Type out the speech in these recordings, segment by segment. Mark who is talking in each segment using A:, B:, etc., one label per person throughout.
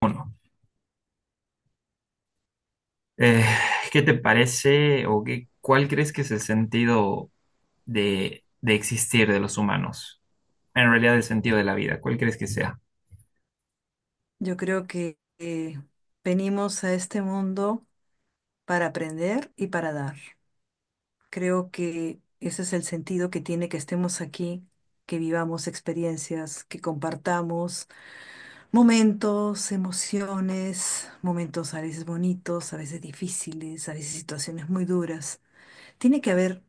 A: Bueno, eh, ¿qué te parece o qué, cuál crees que es el sentido de existir de los humanos? En realidad, el sentido de la vida, ¿cuál crees que sea?
B: Yo creo que venimos a este mundo para aprender y para dar. Creo que ese es el sentido que tiene que estemos aquí, que vivamos experiencias, que compartamos momentos, emociones, momentos a veces bonitos, a veces difíciles, a veces situaciones muy duras. Tiene que haber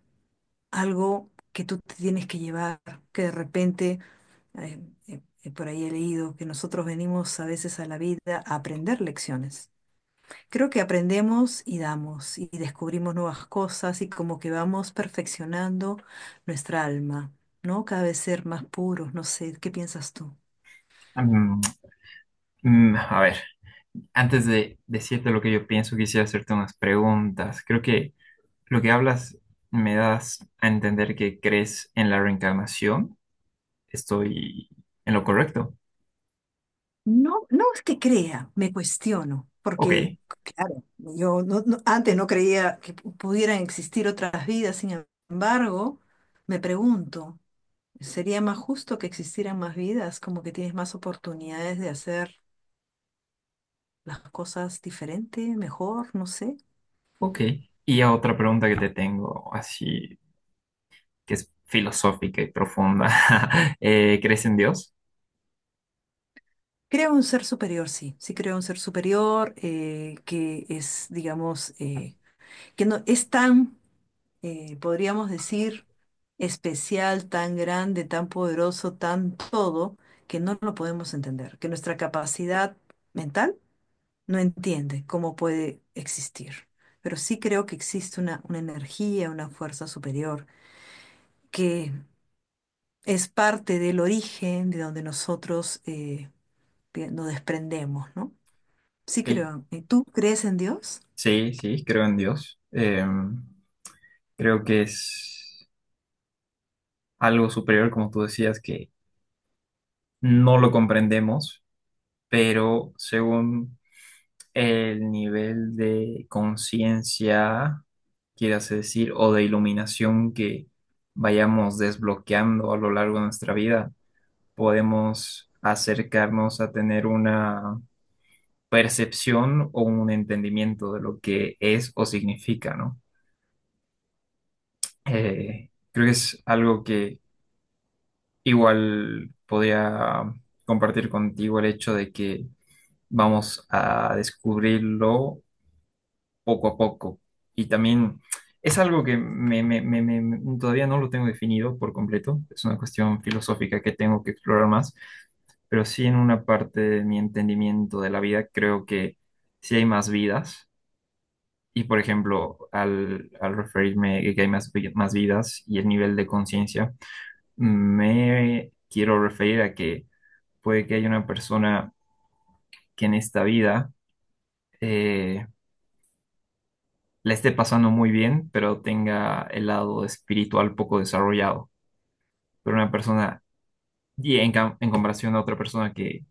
B: algo que tú te tienes que llevar, que de repente, eh, por ahí he leído que nosotros venimos a veces a la vida a aprender lecciones. Creo que aprendemos y damos y descubrimos nuevas cosas y como que vamos perfeccionando nuestra alma, ¿no? Cada vez ser más puros, no sé, ¿qué piensas tú?
A: Mm, a ver, antes de decirte lo que yo pienso, quisiera hacerte unas preguntas. Creo que lo que hablas me das a entender que crees en la reencarnación. ¿Estoy en lo correcto?
B: No, no es que crea, me cuestiono,
A: Ok,
B: porque claro, yo no- no- antes no creía que pudieran existir otras vidas, sin embargo, me pregunto, ¿sería más justo que existieran más vidas? Como que tienes más oportunidades de hacer las cosas diferente, mejor, no sé.
A: ok. Y a otra pregunta que te tengo, así que es filosófica y profunda. ¿Crees en Dios?
B: Creo un ser superior, sí, sí creo un ser superior que es, digamos, que no es tan, podríamos decir, especial, tan grande, tan poderoso, tan todo, que no lo podemos entender, que nuestra capacidad mental no entiende cómo puede existir. Pero sí creo que existe una energía, una fuerza superior, que es parte del origen de donde nosotros nos desprendemos, ¿no? Sí
A: Ok,
B: creo. ¿Y tú crees en Dios?
A: sí, sí, creo en Dios. Creo que es algo superior, como tú decías, que no lo comprendemos, pero según el nivel de conciencia, quieras decir, o de iluminación que vayamos desbloqueando a lo largo de nuestra vida, podemos acercarnos a tener una percepción o un entendimiento de lo que es o significa, ¿no? Creo que es algo que igual podría compartir contigo el hecho de que vamos a descubrirlo poco a poco. Y también es algo que todavía no lo tengo definido por completo. Es una cuestión filosófica que tengo que explorar más, pero sí, en una parte de mi entendimiento de la vida, creo que sí hay más vidas. Y por ejemplo, al, al referirme a que hay más, más vidas y el nivel de conciencia, me quiero referir a que puede que haya una persona que en esta vida eh, la esté pasando muy bien, pero tenga el lado espiritual poco desarrollado. Pero una persona, en comparación a otra persona que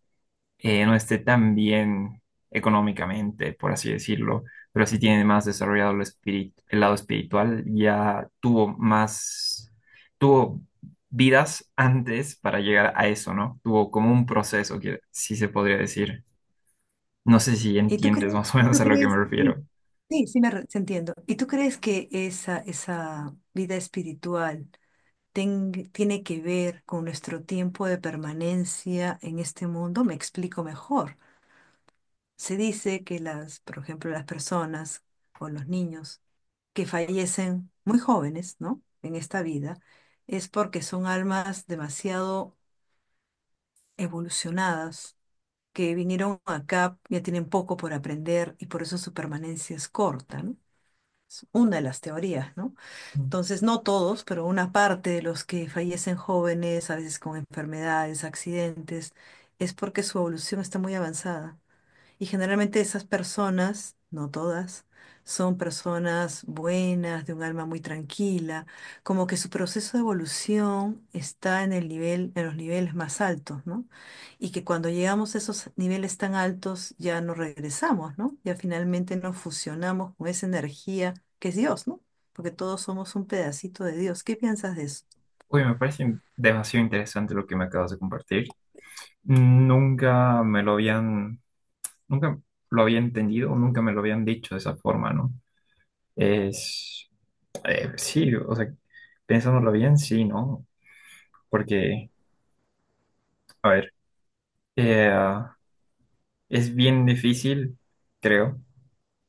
A: no esté tan bien económicamente, por así decirlo, pero sí tiene más desarrollado el espíritu, el lado espiritual, ya tuvo más, tuvo vidas antes para llegar a eso, ¿no? Tuvo como un proceso que sí se podría decir. No sé si entiendes más o
B: ¿Y
A: menos
B: tú
A: a lo que me
B: crees? Sí,
A: refiero.
B: sí, sí entiendo. ¿Y tú crees que esa vida espiritual tiene que ver con nuestro tiempo de permanencia en este mundo? Me explico mejor. Se dice que las, por ejemplo, las personas o los niños que fallecen muy jóvenes, ¿no? En esta vida, es porque son almas demasiado evolucionadas que vinieron acá ya tienen poco por aprender y por eso su permanencia es corta, ¿no? Es una de las teorías, ¿no? Entonces, no todos, pero una parte de los que fallecen jóvenes, a veces con enfermedades, accidentes, es porque su evolución está muy avanzada. Y generalmente esas personas, no todas, son personas buenas, de un alma muy tranquila, como que su proceso de evolución está en el nivel, en los niveles más altos, ¿no? Y que cuando llegamos a esos niveles tan altos ya no regresamos, ¿no? Ya finalmente nos fusionamos con esa energía que es Dios, ¿no? Porque todos somos un pedacito de Dios. ¿Qué piensas de eso?
A: Uy, me parece demasiado interesante lo que me acabas de compartir. Nunca me lo habían, nunca lo había entendido, nunca me lo habían dicho de esa forma, ¿no? Es, sí, o sea, pensándolo bien, sí, ¿no? Porque, a ver, eh, ah, es bien difícil, creo,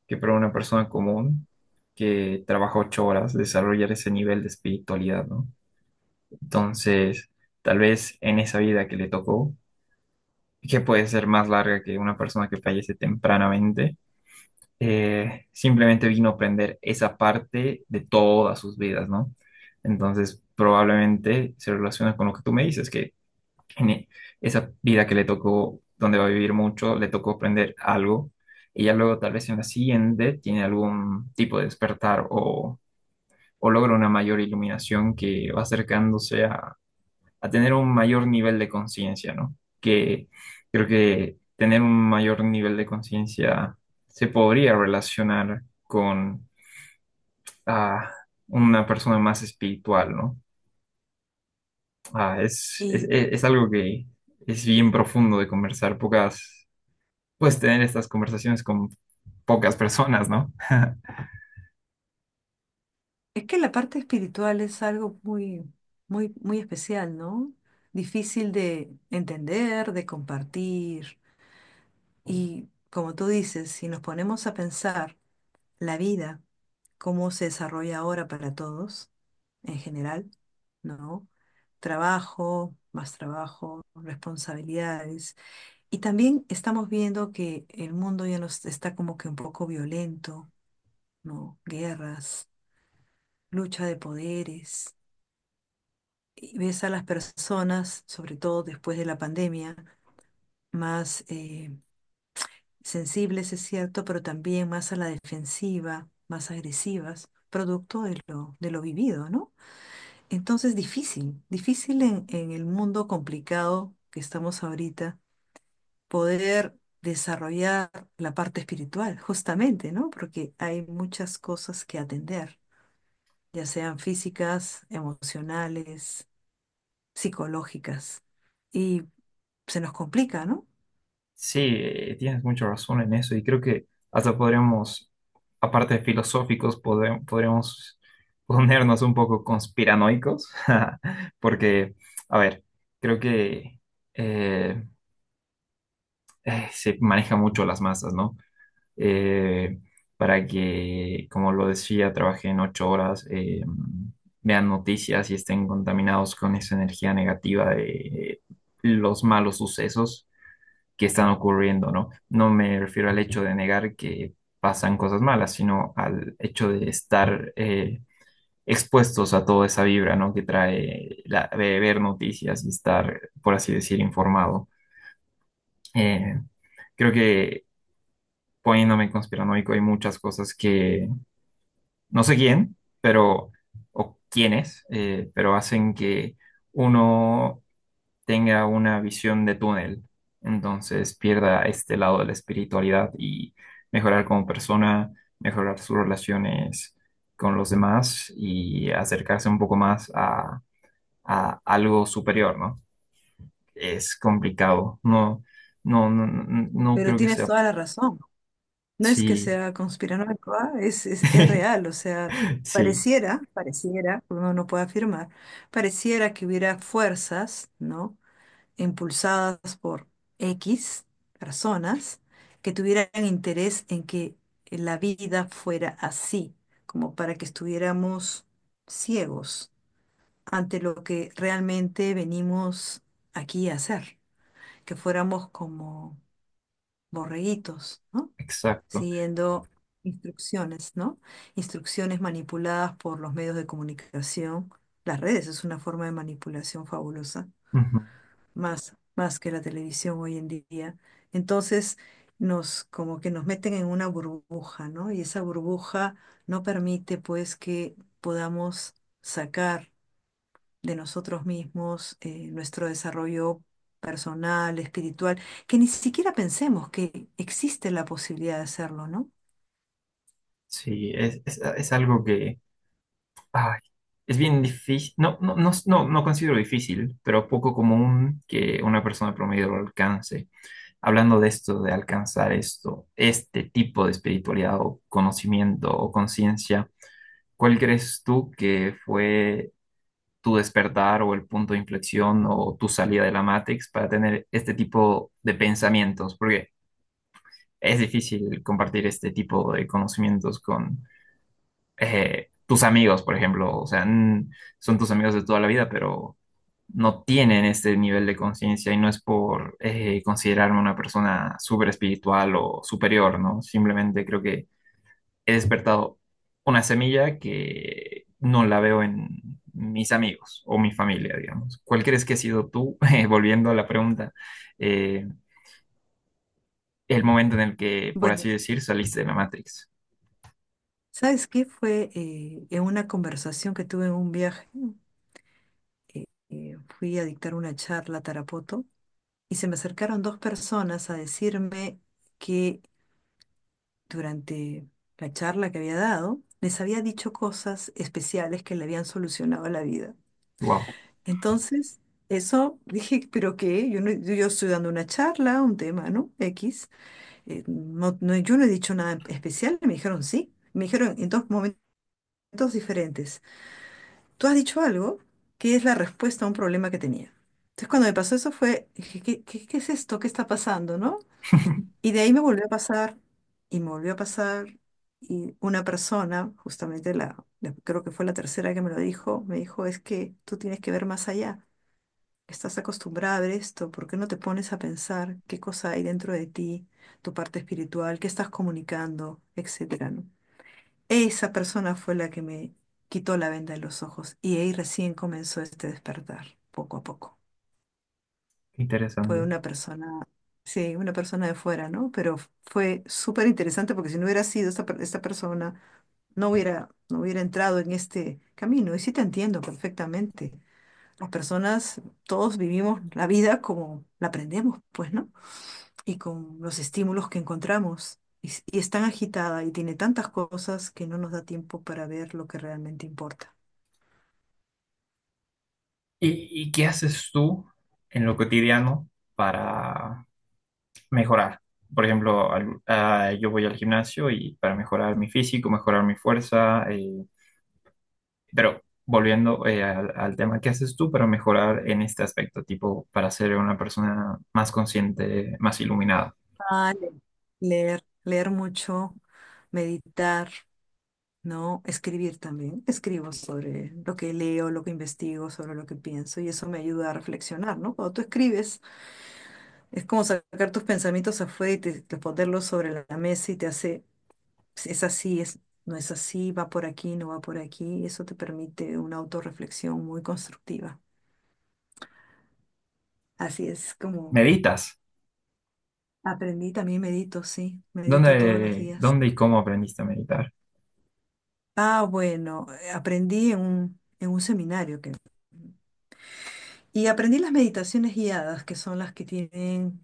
A: que para una persona común que trabaja 8 horas desarrollar ese nivel de espiritualidad, ¿no? Entonces, tal vez en esa vida que le tocó, que puede ser más larga que una persona que fallece tempranamente, simplemente vino a aprender esa parte de todas sus vidas, ¿no? Entonces, probablemente se relaciona con lo que tú me dices, que en e- esa vida que le tocó, donde va a vivir mucho, le tocó aprender algo, y ya luego tal vez en la siguiente tiene algún tipo de despertar o logra una mayor iluminación que va acercándose a tener un mayor nivel de conciencia, ¿no? Que creo que tener un mayor nivel de conciencia se podría relacionar con ah, una persona más espiritual, ¿no? Es algo que es bien profundo de conversar, pocas, puedes tener estas conversaciones con pocas personas, ¿no?
B: Es que la parte espiritual es algo muy, muy, muy especial, ¿no? Difícil de entender, de compartir. Y como tú dices, si nos ponemos a pensar la vida, cómo se desarrolla ahora para todos, en general, ¿no? Trabajo, más trabajo, responsabilidades. Y también estamos viendo que el mundo ya nos está como que un poco violento, ¿no? Guerras, lucha de poderes y ves a las personas, sobre todo después de la pandemia, más sensibles, es cierto, pero también más a la defensiva, más agresivas, producto de de lo vivido, ¿no? Entonces, difícil, difícil en el mundo complicado que estamos ahorita, poder desarrollar la parte espiritual, justamente, ¿no? Porque hay muchas cosas que atender, ya sean físicas, emocionales, psicológicas. Y se nos complica, ¿no?
A: Sí, tienes mucha razón en eso y creo que hasta podríamos, aparte de filosóficos, podríamos ponernos un poco conspiranoicos, porque, a ver, creo que eh, se maneja mucho las masas, ¿no? Eh, para que, como lo decía, trabajen 8 horas, vean noticias y estén contaminados con esa energía negativa de los malos sucesos que están ocurriendo, ¿no? No me refiero al hecho de negar que pasan cosas malas, sino al hecho de estar expuestos a toda esa vibra, ¿no? Que trae la, de ver noticias y estar, por así decir, informado. Eh, Creo que poniéndome conspiranoico hay muchas cosas que no sé quién, pero, o quiénes, pero hacen que uno tenga una visión de túnel, entonces pierda este lado de la espiritualidad y mejorar como persona, mejorar sus relaciones con los demás y acercarse un poco más a algo superior, ¿no? Es complicado, no, no, no, no
B: Pero
A: creo que
B: tienes
A: sea,
B: toda la razón. No es que
A: sí,
B: sea conspiranoico, ¿ah? Es real, o sea,
A: sí,
B: pareciera, pareciera, uno no puede afirmar, pareciera que hubiera fuerzas, ¿no? Impulsadas por X personas que tuvieran interés en que la vida fuera así, como para que estuviéramos ciegos ante lo que realmente venimos aquí a hacer, que fuéramos como borreguitos, ¿no?
A: exacto.
B: Siguiendo instrucciones, ¿no? Instrucciones manipuladas por los medios de comunicación. Las redes es una forma de manipulación fabulosa,
A: Ujú.
B: más que la televisión hoy en día. Entonces, como que nos meten en una burbuja, ¿no? Y esa burbuja no permite, pues, que podamos sacar de nosotros mismos, nuestro desarrollo personal, espiritual, que ni siquiera pensemos que existe la posibilidad de hacerlo, ¿no?
A: Sí, es algo que ay, es bien difícil, no, no, no, no, no considero difícil, pero poco común que una persona promedio lo alcance. Hablando de esto, de alcanzar esto, este tipo de espiritualidad o conocimiento o conciencia, ¿cuál crees tú que fue tu despertar o el punto de inflexión o tu salida de la Matrix para tener este tipo de pensamientos? Porque es difícil compartir este tipo de conocimientos con tus amigos, por ejemplo, o sea, son tus amigos de toda la vida, pero no tienen este nivel de conciencia y no es por considerarme una persona súper espiritual o superior, ¿no? Simplemente creo que he despertado una semilla que no la veo en mis amigos o mi familia, digamos. ¿Cuál crees que ha sido tú, volviendo a la pregunta, eh, el momento en el que, por
B: Bueno,
A: así decir, saliste de la Matrix?
B: ¿sabes qué? Fue en una conversación que tuve en un viaje, fui a dictar una charla a Tarapoto y se me acercaron dos personas a decirme que durante la charla que había dado, les había dicho cosas especiales que le habían solucionado la vida.
A: Wow,
B: Entonces, eso dije, pero qué, yo, yo estoy dando una charla, un tema, ¿no? X. Yo no he dicho nada especial, y me dijeron sí. Me dijeron en dos momentos diferentes. Tú has dicho algo que es la respuesta a un problema que tenía. Entonces, cuando me pasó eso fue, dije, ¿qué, qué, qué es esto? ¿Qué está pasando, no? Y de ahí me volvió a pasar, y me volvió a pasar, y una persona, justamente creo que fue la tercera que me lo dijo, me dijo, es que tú tienes que ver más allá. Estás acostumbrada a ver esto, ¿por qué no te pones a pensar qué cosa hay dentro de ti, tu parte espiritual, qué estás comunicando, etcétera, ¿no? Esa persona fue la que me quitó la venda de los ojos y ahí recién comenzó este despertar, poco a poco. Fue
A: interesante.
B: una persona, sí, una persona de fuera, ¿no? Pero fue súper interesante porque si no hubiera sido esta persona, no hubiera entrado en este camino. Y sí te entiendo perfectamente las personas, todos vivimos la vida como la aprendemos, pues, ¿no? Y con los estímulos que encontramos. Y es tan agitada y tiene tantas cosas que no nos da tiempo para ver lo que realmente importa.
A: Y qué haces tú en lo cotidiano para mejorar? Por ejemplo, yo voy al gimnasio y para mejorar mi físico, mejorar mi fuerza, pero volviendo al tema, ¿qué haces tú para mejorar en este aspecto? Tipo, para ser una persona más consciente, más iluminada.
B: Vale. Leer mucho, meditar, ¿no? Escribir también. Escribo sobre lo que leo, lo que investigo, sobre lo que pienso y eso me ayuda a reflexionar, ¿no? Cuando tú escribes, es como sacar tus pensamientos afuera y te ponerlos sobre la mesa y te hace pues, es así, es, no es así, va por aquí, no va por aquí. Eso te permite una autorreflexión muy constructiva. Así es como
A: ¿Meditas?
B: aprendí, también medito, sí, medito todos los días.
A: Dónde y cómo aprendiste a meditar?
B: Ah, bueno, aprendí en un seminario que… Y aprendí las meditaciones guiadas, que son las que tienen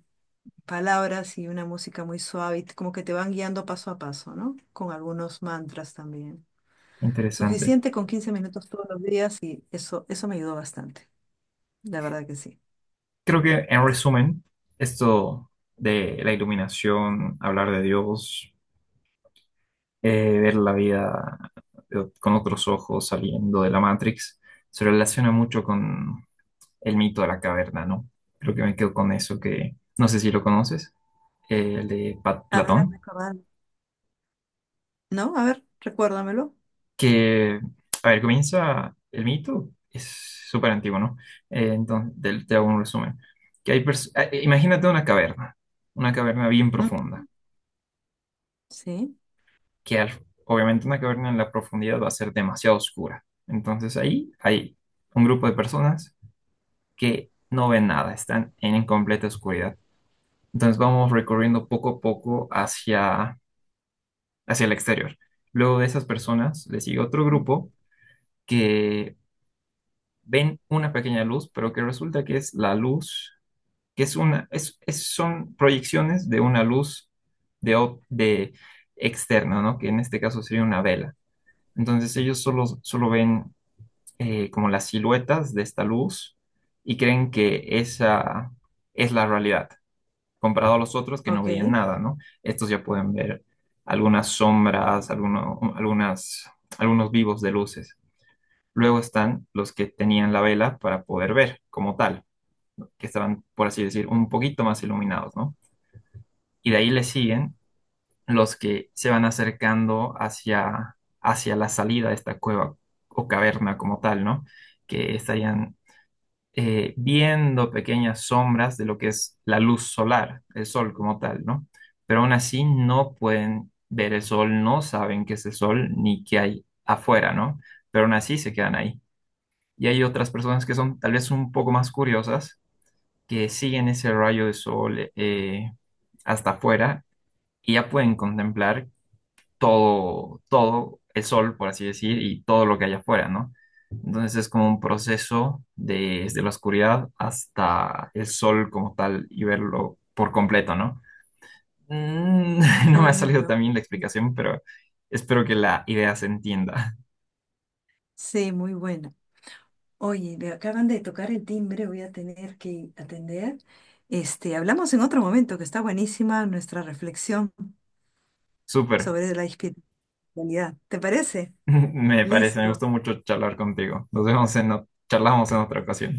B: palabras y una música muy suave, y como que te van guiando paso a paso, ¿no? Con algunos mantras también.
A: Qué interesante.
B: Suficiente con 15 minutos todos los días y eso me ayudó bastante, la verdad que sí.
A: Creo que en resumen, esto de la iluminación, hablar de Dios ver la vida con otros ojos saliendo de la Matrix, se relaciona mucho con el mito de la caverna, ¿no? Creo que me quedo con eso. Que no sé si lo conoces, el de
B: A ver, hazme
A: Platón,
B: acordar. No, a ver, recuérdamelo.
A: que, a ver, comienza el mito, es súper antiguo, ¿no? Entonces, te hago un resumen. Que hay imagínate una caverna bien
B: Mm,
A: profunda,
B: sí.
A: que obviamente una caverna en la profundidad va a ser demasiado oscura. Entonces ahí hay un grupo de personas que no ven nada, están en completa oscuridad. Entonces vamos recorriendo poco a poco hacia el exterior. Luego de esas personas le sigue otro
B: Mm.
A: grupo que ven una pequeña luz, pero que resulta que es la luz, que es son proyecciones de una luz de externa, ¿no? Que en este caso sería una vela. Entonces ellos solo ven como las siluetas de esta luz y creen que esa es la realidad, comparado a los otros que no
B: Ok,
A: veían nada, ¿no? Estos ya pueden ver algunas sombras, algunos vivos de luces. Luego están los que tenían la vela para poder ver como tal, que estaban, por así decir, un poquito más iluminados, ¿no? Y de ahí le siguen los que se van acercando hacia la salida de esta cueva o caverna como tal, ¿no? Que estarían viendo pequeñas sombras de lo que es la luz solar, el sol como tal, ¿no? Pero aún así no pueden ver el sol, no saben qué es el sol ni qué hay afuera, ¿no? Pero aún así se quedan ahí. Y hay otras personas que son tal vez un poco más curiosas, que siguen ese rayo de sol hasta afuera y ya pueden contemplar todo el sol, por así decir, y todo lo que hay afuera, ¿no? Entonces es como un proceso desde la oscuridad hasta el sol como tal y verlo por completo, ¿no? Mm,
B: qué
A: no me ha salido
B: bonito.
A: también la
B: Mm.
A: explicación, pero espero que la idea se entienda.
B: Sí, muy buena. Oye, me acaban de tocar el timbre, voy a tener que atender. Este, hablamos en otro momento, que está buenísima nuestra reflexión
A: Súper,
B: sobre la espiritualidad. ¿Te parece?
A: me parece, me
B: Listo.
A: gustó mucho charlar contigo. Nos vemos charlamos en otra ocasión.